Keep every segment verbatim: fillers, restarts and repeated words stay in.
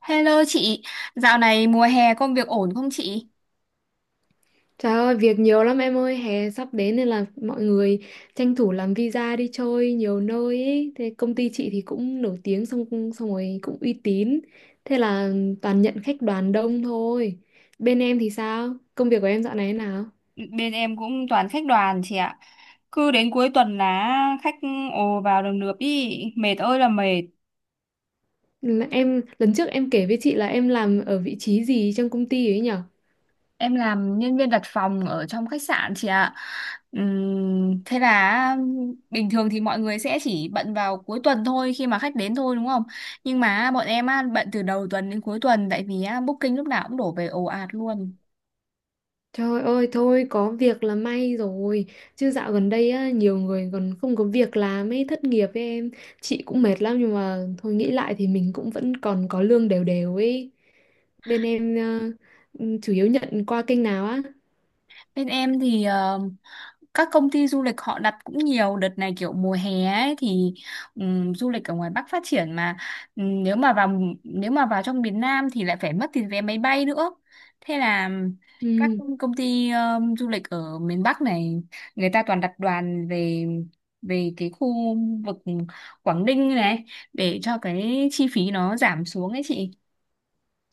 Hello chị, dạo này mùa hè công việc ổn không chị? Trời ơi, việc nhiều lắm em ơi, hè sắp đến nên là mọi người tranh thủ làm visa đi chơi nhiều nơi ấy. Thế công ty chị thì cũng nổi tiếng xong xong rồi cũng uy tín. Thế là toàn nhận khách đoàn đông thôi. Bên em thì sao? Công việc của em dạo này thế nào? Bên em cũng toàn khách đoàn chị ạ. Cứ đến cuối tuần là khách ồ vào đồng lượp đi, mệt ơi là mệt. Là Em lần trước em kể với chị là em làm ở vị trí gì trong công ty ấy nhỉ? Em làm nhân viên đặt phòng ở trong khách sạn chị ạ. Ừm, thế là bình thường thì mọi người sẽ chỉ bận vào cuối tuần thôi khi mà khách đến thôi đúng không? Nhưng mà bọn em á, bận từ đầu tuần đến cuối tuần tại vì á, booking lúc nào cũng đổ về ồ ạt luôn. Trời ơi thôi có việc là may rồi. Chứ dạo gần đây á, nhiều người còn không có việc làm ấy, thất nghiệp. Với em, chị cũng mệt lắm nhưng mà thôi nghĩ lại thì mình cũng vẫn còn có lương đều đều ấy. Bên em ờ, ừ, chủ yếu nhận qua kênh nào á? Bên em thì ờ, các công ty du lịch họ đặt cũng nhiều đợt này kiểu mùa hè ấy thì ừm, du lịch ở ngoài Bắc phát triển mà. Ừm, nếu mà vào nếu mà vào trong miền Nam thì lại phải mất tiền vé máy bay nữa. Thế là các Ừ. công ty ờ, du lịch ở miền Bắc này người ta toàn đặt đoàn về về cái khu vực Quảng Ninh này để cho cái chi phí nó giảm xuống ấy chị.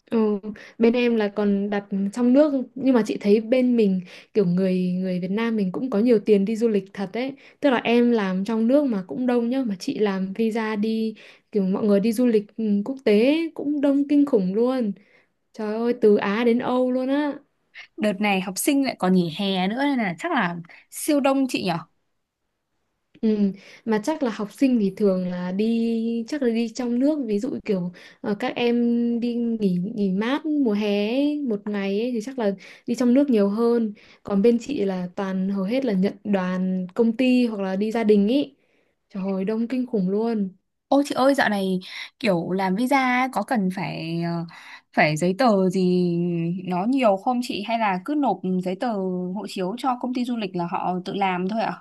Ừ, bên em là còn đặt trong nước nhưng mà chị thấy bên mình kiểu người người Việt Nam mình cũng có nhiều tiền đi du lịch thật đấy, tức là em làm trong nước mà cũng đông nhá, mà chị làm visa đi kiểu mọi người đi du lịch ừ, quốc tế ấy, cũng đông kinh khủng luôn, trời ơi từ Á đến Âu luôn á. Đợt này học sinh lại còn nghỉ hè nữa nên là chắc là siêu đông chị nhỉ? Ừ, mà chắc là học sinh thì thường là đi, chắc là đi trong nước, ví dụ kiểu ờ, các em đi nghỉ nghỉ mát mùa hè ấy, một ngày ấy, thì chắc là đi trong nước nhiều hơn. Còn bên chị là toàn, hầu hết là nhận đoàn công ty hoặc là đi gia đình ý, trời ơi đông kinh khủng luôn. Ôi chị ơi, dạo này kiểu làm visa ấy, có cần phải ờ, phải giấy tờ gì nó nhiều không chị, hay là cứ nộp giấy tờ hộ chiếu cho công ty du lịch là họ tự làm thôi ạ?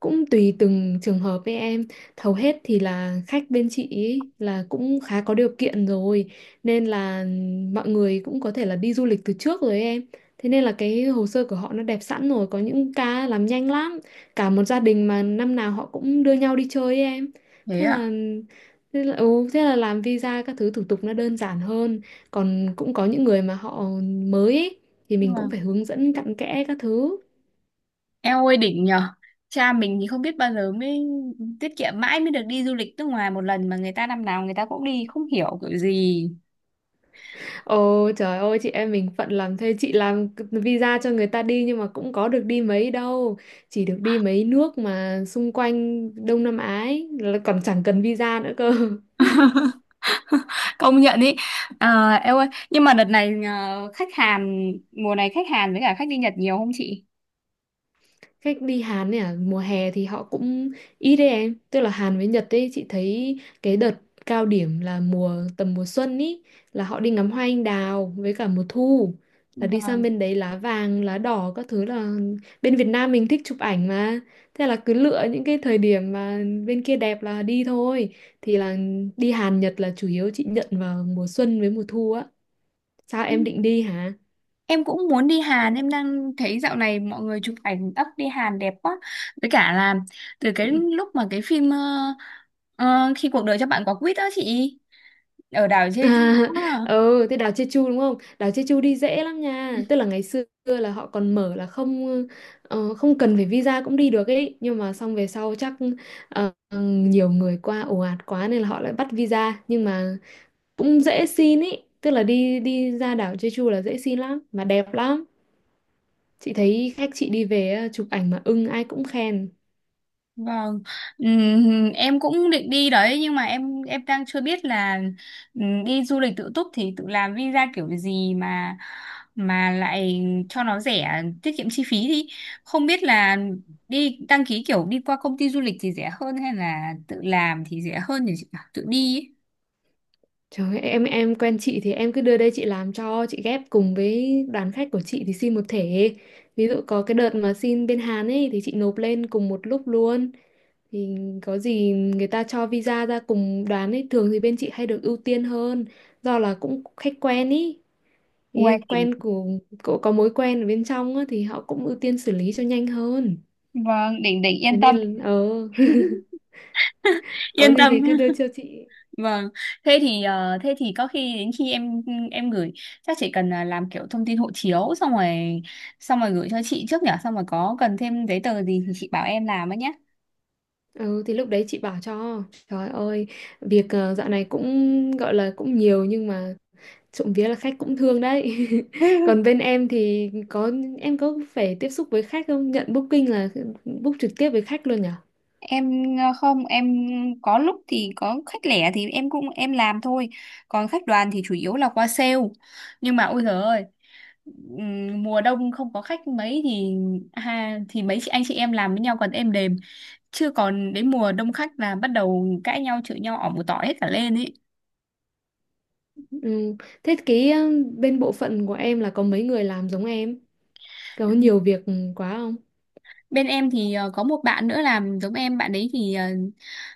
Cũng tùy từng trường hợp với em, hầu hết thì là khách bên chị ý là cũng khá có điều kiện rồi, nên là mọi người cũng có thể là đi du lịch từ trước rồi ấy em. Thế nên là cái hồ sơ của họ nó đẹp sẵn rồi, có những ca làm nhanh lắm, cả một gia đình mà năm nào họ cũng đưa nhau đi chơi ấy em. Thế thế ạ. là thế là, ừ, thế là làm visa các thứ thủ tục nó đơn giản hơn. Còn cũng có những người mà họ mới ấy, thì Nhưng mình mà cũng phải hướng dẫn cặn kẽ các thứ. eo ơi đỉnh nhờ. Cha mình thì không biết bao giờ mới tiết kiệm mãi mới được đi du lịch nước ngoài một lần, mà người ta năm nào người ta cũng đi không hiểu kiểu gì. Ồ trời ơi, chị em mình phận làm thế, chị làm visa cho người ta đi nhưng mà cũng có được đi mấy đâu, chỉ được đi mấy nước mà xung quanh Đông Nam Á ấy, là còn chẳng cần visa nữa cơ. Công nhận ý. À, eo ơi, nhưng mà đợt này ờ, khách Hàn mùa này, khách Hàn với cả khách đi Nhật nhiều không chị? Khách đi Hàn ấy à, mùa hè thì họ cũng ít đấy em. Tức là Hàn với Nhật ấy, chị thấy cái đợt cao điểm là mùa, tầm mùa xuân ý, là họ đi ngắm hoa anh đào, với cả mùa thu là đi sang Vâng. bên đấy lá vàng lá đỏ các thứ, là bên Việt Nam mình thích chụp ảnh mà, thế là cứ lựa những cái thời điểm mà bên kia đẹp là đi thôi. Thì là đi Hàn Nhật là chủ yếu chị nhận vào mùa xuân với mùa thu á. Sao em định đi hả? Em cũng muốn đi Hàn, em đang thấy dạo này mọi người chụp ảnh ấp đi Hàn đẹp quá. Với cả là từ cái lúc mà cái phim ờ, ờ, Khi cuộc đời cho bạn quả quýt đó chị, ở đảo À, Jeju á. ừ thế đảo Jeju đúng không? Đảo Jeju đi dễ lắm nha. Tức là ngày xưa là họ còn mở là không, ờ, không cần phải visa cũng đi được ấy. Nhưng mà xong về sau chắc ờ, nhiều người qua ồ ạt quá nên là họ lại bắt visa. Nhưng mà cũng dễ xin ấy. Tức là đi, đi ra đảo Jeju là dễ xin lắm mà đẹp lắm. Chị thấy khách chị đi về á, chụp ảnh mà ưng ai cũng khen. Vâng. Ừm, em cũng định đi đấy, nhưng mà em em đang chưa biết là ừm, đi du lịch tự túc thì tự làm visa kiểu gì mà mà lại cho nó rẻ tiết kiệm chi phí, thì không biết là đi đăng ký kiểu đi qua công ty du lịch thì rẻ hơn hay là tự làm thì rẻ hơn, thì chị bảo tự đi ấy. Trời ơi, em em quen chị thì em cứ đưa đây chị làm cho, chị ghép cùng với đoàn khách của chị thì xin một thể. Ví dụ có cái đợt mà xin bên Hàn ấy thì chị nộp lên cùng một lúc luôn. Thì có gì người ta cho visa ra cùng đoàn ấy, thường thì bên chị hay được ưu tiên hơn do là cũng khách quen ý. Ý Uầy, là quen của, của có mối quen ở bên trong á, thì họ cũng ưu tiên xử lý cho nhanh hơn. vâng, đỉnh đỉnh, Thế yên tâm. nên là- ờ Có Yên gì tâm. thì cứ đưa cho chị. Vâng, thế thì ờ, thế thì có khi đến khi em em gửi, chắc chị cần là làm kiểu thông tin hộ chiếu xong rồi xong rồi gửi cho chị trước nhở, xong rồi có cần thêm giấy tờ gì thì chị bảo em làm ấy nhé. Ừ thì lúc đấy chị bảo cho, trời ơi việc ờ, dạo này cũng gọi là cũng nhiều nhưng mà trộm vía là khách cũng thương đấy. Còn bên em thì có, em có phải tiếp xúc với khách không, nhận booking là ừ, book trực tiếp với khách luôn nhở? Em ờ, không em có lúc thì có khách lẻ thì em cũng em làm thôi, còn khách đoàn thì chủ yếu là qua sale. Nhưng mà ôi giời ơi, ừm, mùa đông không có khách mấy thì ha, thì mấy chị anh chị em làm với nhau còn êm đềm, chứ còn đến mùa đông khách là bắt đầu cãi nhau chửi nhau ỏm một tỏi hết cả lên ấy. Ừ. Thế cái ờ, bên bộ phận của em là có mấy người làm giống em, có nhiều việc ừ, quá không? Bên em thì ờ, có một bạn nữa làm giống em, bạn ấy thì ờ,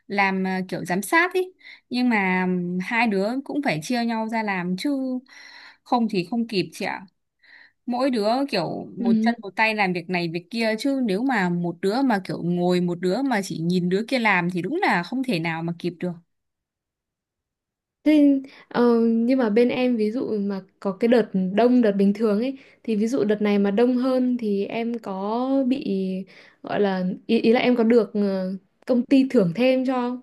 làm ờ, kiểu giám sát ấy. Nhưng mà ừm, hai đứa cũng phải chia nhau ra làm chứ không thì không kịp chị ạ. Mỗi đứa kiểu một Ừ. chân một tay làm việc này việc kia, chứ nếu mà một đứa mà kiểu ngồi, một đứa mà chỉ nhìn đứa kia làm thì đúng là không thể nào mà kịp được. Thế, ờ, nhưng mà bên em ví dụ mà có cái đợt đông đợt bình thường ấy, thì ví dụ đợt này mà đông hơn thì em có bị gọi là ý, ý là em có được ờ, công ty thưởng thêm cho không?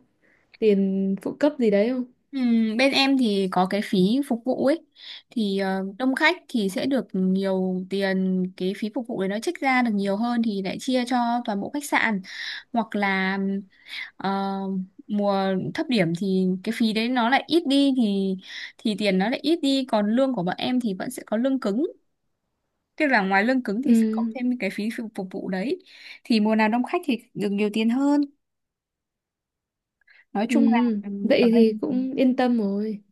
Tiền phụ cấp gì đấy không? Ừ, bên em thì có cái phí phục vụ ấy, thì ờ, đông khách thì sẽ được nhiều tiền, cái phí phục vụ đấy nó trích ra được nhiều hơn thì lại chia cho toàn bộ khách sạn. Hoặc là ờ, mùa thấp điểm thì cái phí đấy nó lại ít đi, thì thì tiền nó lại ít đi, còn lương của bọn em thì vẫn sẽ có lương cứng, tức là ngoài lương cứng thì sẽ Ừ, cộng thêm cái phí phục phục vụ đấy, thì mùa nào đông khách thì được nhiều tiền hơn, nói ừ. chung là ừ, ở Vậy đây thì cũng yên tâm rồi.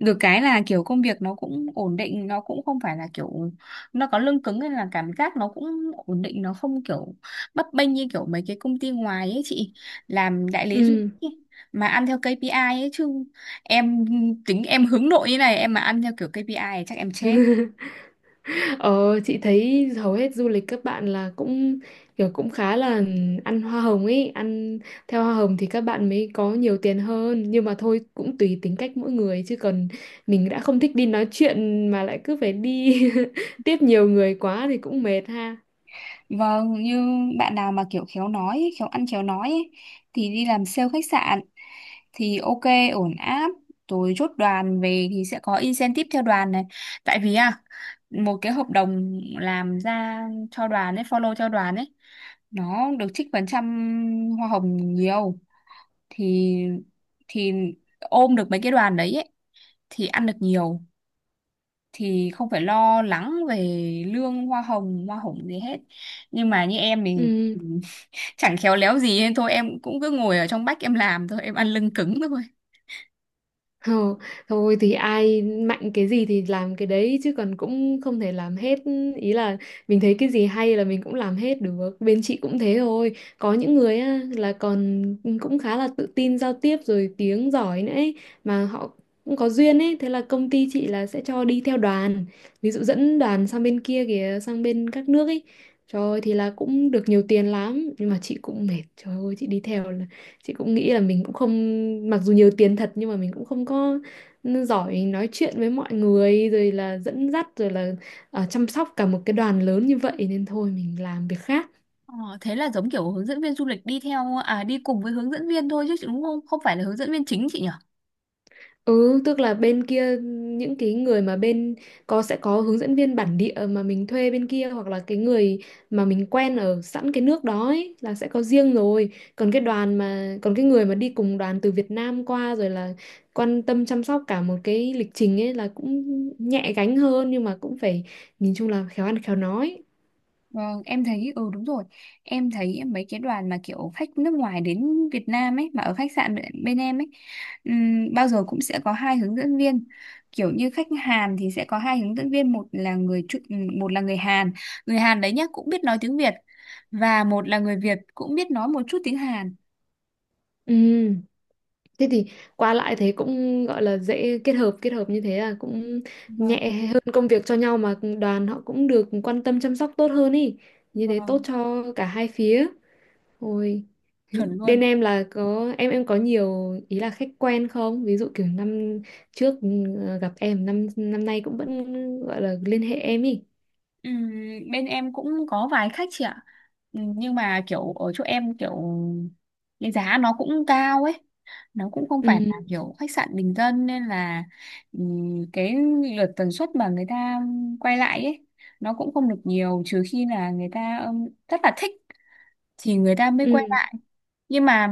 được cái là kiểu công việc nó cũng ổn định, nó cũng không phải là kiểu, nó có lương cứng nên là cảm giác nó cũng ổn định, nó không kiểu bấp bênh như kiểu mấy cái công ty ngoài ấy chị, làm đại lý du Ừ. lịch ấy, mà ăn theo ca pê i ấy, chứ em tính em hướng nội như này, em mà ăn theo kiểu ca pê i thì chắc em chết. Ờ, chị thấy hầu hết du lịch các bạn là cũng kiểu cũng khá là ăn hoa hồng ấy, ăn theo hoa hồng thì các bạn mới có nhiều tiền hơn, nhưng mà thôi cũng tùy tính cách mỗi người chứ còn mình đã không thích đi nói chuyện mà lại cứ phải đi tiếp nhiều người quá thì cũng mệt ha. Vâng, như bạn nào mà kiểu khéo nói, ấy, khéo ăn khéo nói ấy, thì đi làm sale khách sạn thì ok, ổn áp. Rồi chốt đoàn về thì sẽ có incentive theo đoàn này. Tại vì à, một cái hợp đồng làm ra cho đoàn ấy, follow cho đoàn ấy, nó được trích phần trăm hoa hồng nhiều. Thì thì ôm được mấy cái đoàn đấy ấy, thì ăn được nhiều. Thì không phải lo lắng về lương hoa hồng, hoa hồng gì hết. Nhưng mà như em thì Ừ. chẳng khéo léo gì nên thôi em cũng cứ ngồi ở trong bách em làm thôi, em ăn lưng cứng thôi. Ờ, thôi thì ai mạnh cái gì thì làm cái đấy chứ còn cũng không thể làm hết, ý là mình thấy cái gì hay là mình cũng làm hết được. Bên chị cũng thế thôi, có những người á, là còn cũng khá là tự tin giao tiếp rồi tiếng giỏi nữa ấy, mà họ cũng có duyên ấy, thế là công ty chị là sẽ cho đi theo đoàn, ví dụ dẫn đoàn sang bên kia kìa, sang bên các nước ấy, trời ơi, thì là cũng được nhiều tiền lắm nhưng mà chị cũng mệt, trời ơi chị đi theo, chị cũng nghĩ là mình cũng không, mặc dù nhiều tiền thật nhưng mà mình cũng không có giỏi nói chuyện với mọi người rồi là dẫn dắt rồi là ờ, chăm sóc cả một cái đoàn lớn như vậy, nên thôi mình làm việc khác. Ờ, thế là giống kiểu hướng dẫn viên du lịch đi theo, à đi cùng với hướng dẫn viên thôi chứ đúng không, không phải là hướng dẫn viên chính chị nhỉ? Ừ, tức là bên kia những cái người mà bên có, sẽ có hướng dẫn viên bản địa mà mình thuê bên kia, hoặc là cái người mà mình quen ở sẵn cái nước đó ấy, là sẽ có riêng rồi. Còn cái đoàn mà, còn cái người mà đi cùng đoàn từ Việt Nam qua rồi là quan tâm chăm sóc cả một cái lịch trình ấy, là cũng nhẹ gánh hơn nhưng mà cũng phải, nhìn chung là khéo ăn khéo nói. Vâng, em thấy ừ đúng rồi. Em thấy mấy cái đoàn mà kiểu khách nước ngoài đến Việt Nam ấy mà ở khách sạn bên, bên em ấy, ừm, bao giờ cũng sẽ có hai hướng dẫn viên. Kiểu như khách Hàn thì sẽ có hai hướng dẫn viên, một là người Chu- ừm, một là người Hàn, người Hàn đấy nhá cũng biết nói tiếng Việt, và một là người Việt cũng biết nói một chút tiếng Hàn. Ừ. Thế thì qua lại thế cũng gọi là dễ kết hợp, kết hợp như thế là cũng Vâng, nhẹ hơn công việc cho nhau, mà đoàn họ cũng được quan tâm chăm sóc tốt hơn ý, như thế tốt vâng, cho cả hai phía. Ôi chuẩn luôn. bên em là có, em em có nhiều ý là khách quen không, ví dụ kiểu năm trước ừ, gặp em, năm năm nay cũng vẫn gọi là liên hệ em ý. Ừm, Bên em cũng có vài khách chị ạ. Ừm, Nhưng mà kiểu ở chỗ em kiểu cái giá nó cũng cao ấy. Nó cũng không phải Ừ. là kiểu khách sạn bình dân, nên là ừm, cái lượt tần suất mà người ta quay lại ấy, nó cũng không được nhiều, trừ khi là người ta ừm, rất là thích thì người ta mới quay Ừ. lại. Nhưng mà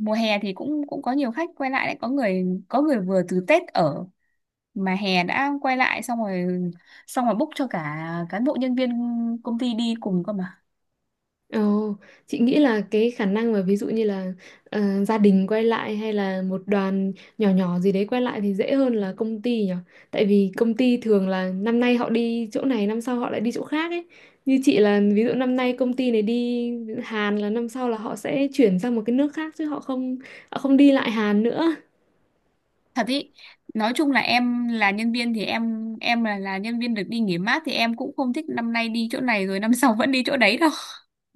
mùa hè thì cũng cũng có nhiều khách quay lại đấy, có người có người vừa từ Tết ở mà hè đã quay lại, xong rồi xong rồi book cho cả cán bộ nhân viên công ty đi cùng cơ mà. Ồ, chị nghĩ là cái khả năng mà ví dụ như là ờ, gia đình quay lại hay là một đoàn nhỏ nhỏ gì đấy quay lại thì dễ hơn là công ty nhỉ? Tại vì công ty thường là năm nay họ đi chỗ này, năm sau họ lại đi chỗ khác ấy. Như chị là ví dụ năm nay công ty này đi Hàn là năm sau là họ sẽ chuyển sang một cái nước khác chứ họ không, họ không đi lại Hàn nữa. Thật ý, nói chung là em là nhân viên thì em em là là nhân viên được đi nghỉ mát thì em cũng không thích năm nay đi chỗ này rồi năm sau vẫn đi chỗ đấy đâu.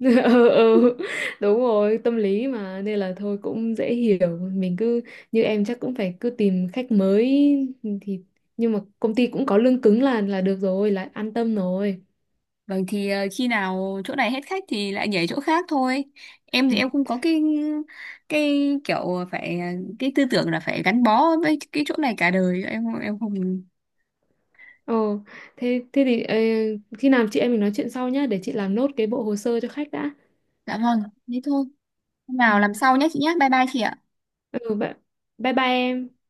Ừ, ừ, đúng rồi tâm lý mà, nên là thôi cũng dễ hiểu, mình cứ như em chắc cũng phải cứ tìm khách mới. Ừ, thì nhưng mà công ty cũng có lương cứng là là được rồi, là an tâm rồi. Vâng, thì ờ, khi nào chỗ này hết khách thì lại nhảy chỗ khác thôi. Em thì Ừ. em không có cái cái kiểu phải, cái tư tưởng là phải gắn bó với cái chỗ này cả đời. Em em không. Ồ thế, thế thì ờ, khi nào chị em mình nói chuyện sau nhá, để chị làm nốt cái bộ hồ sơ cho khách đã. Dạ vâng, thế thôi. Hôm Ừ, nào làm sau nhé chị nhé. Bye bye chị ạ. ừ bye bye, bye em.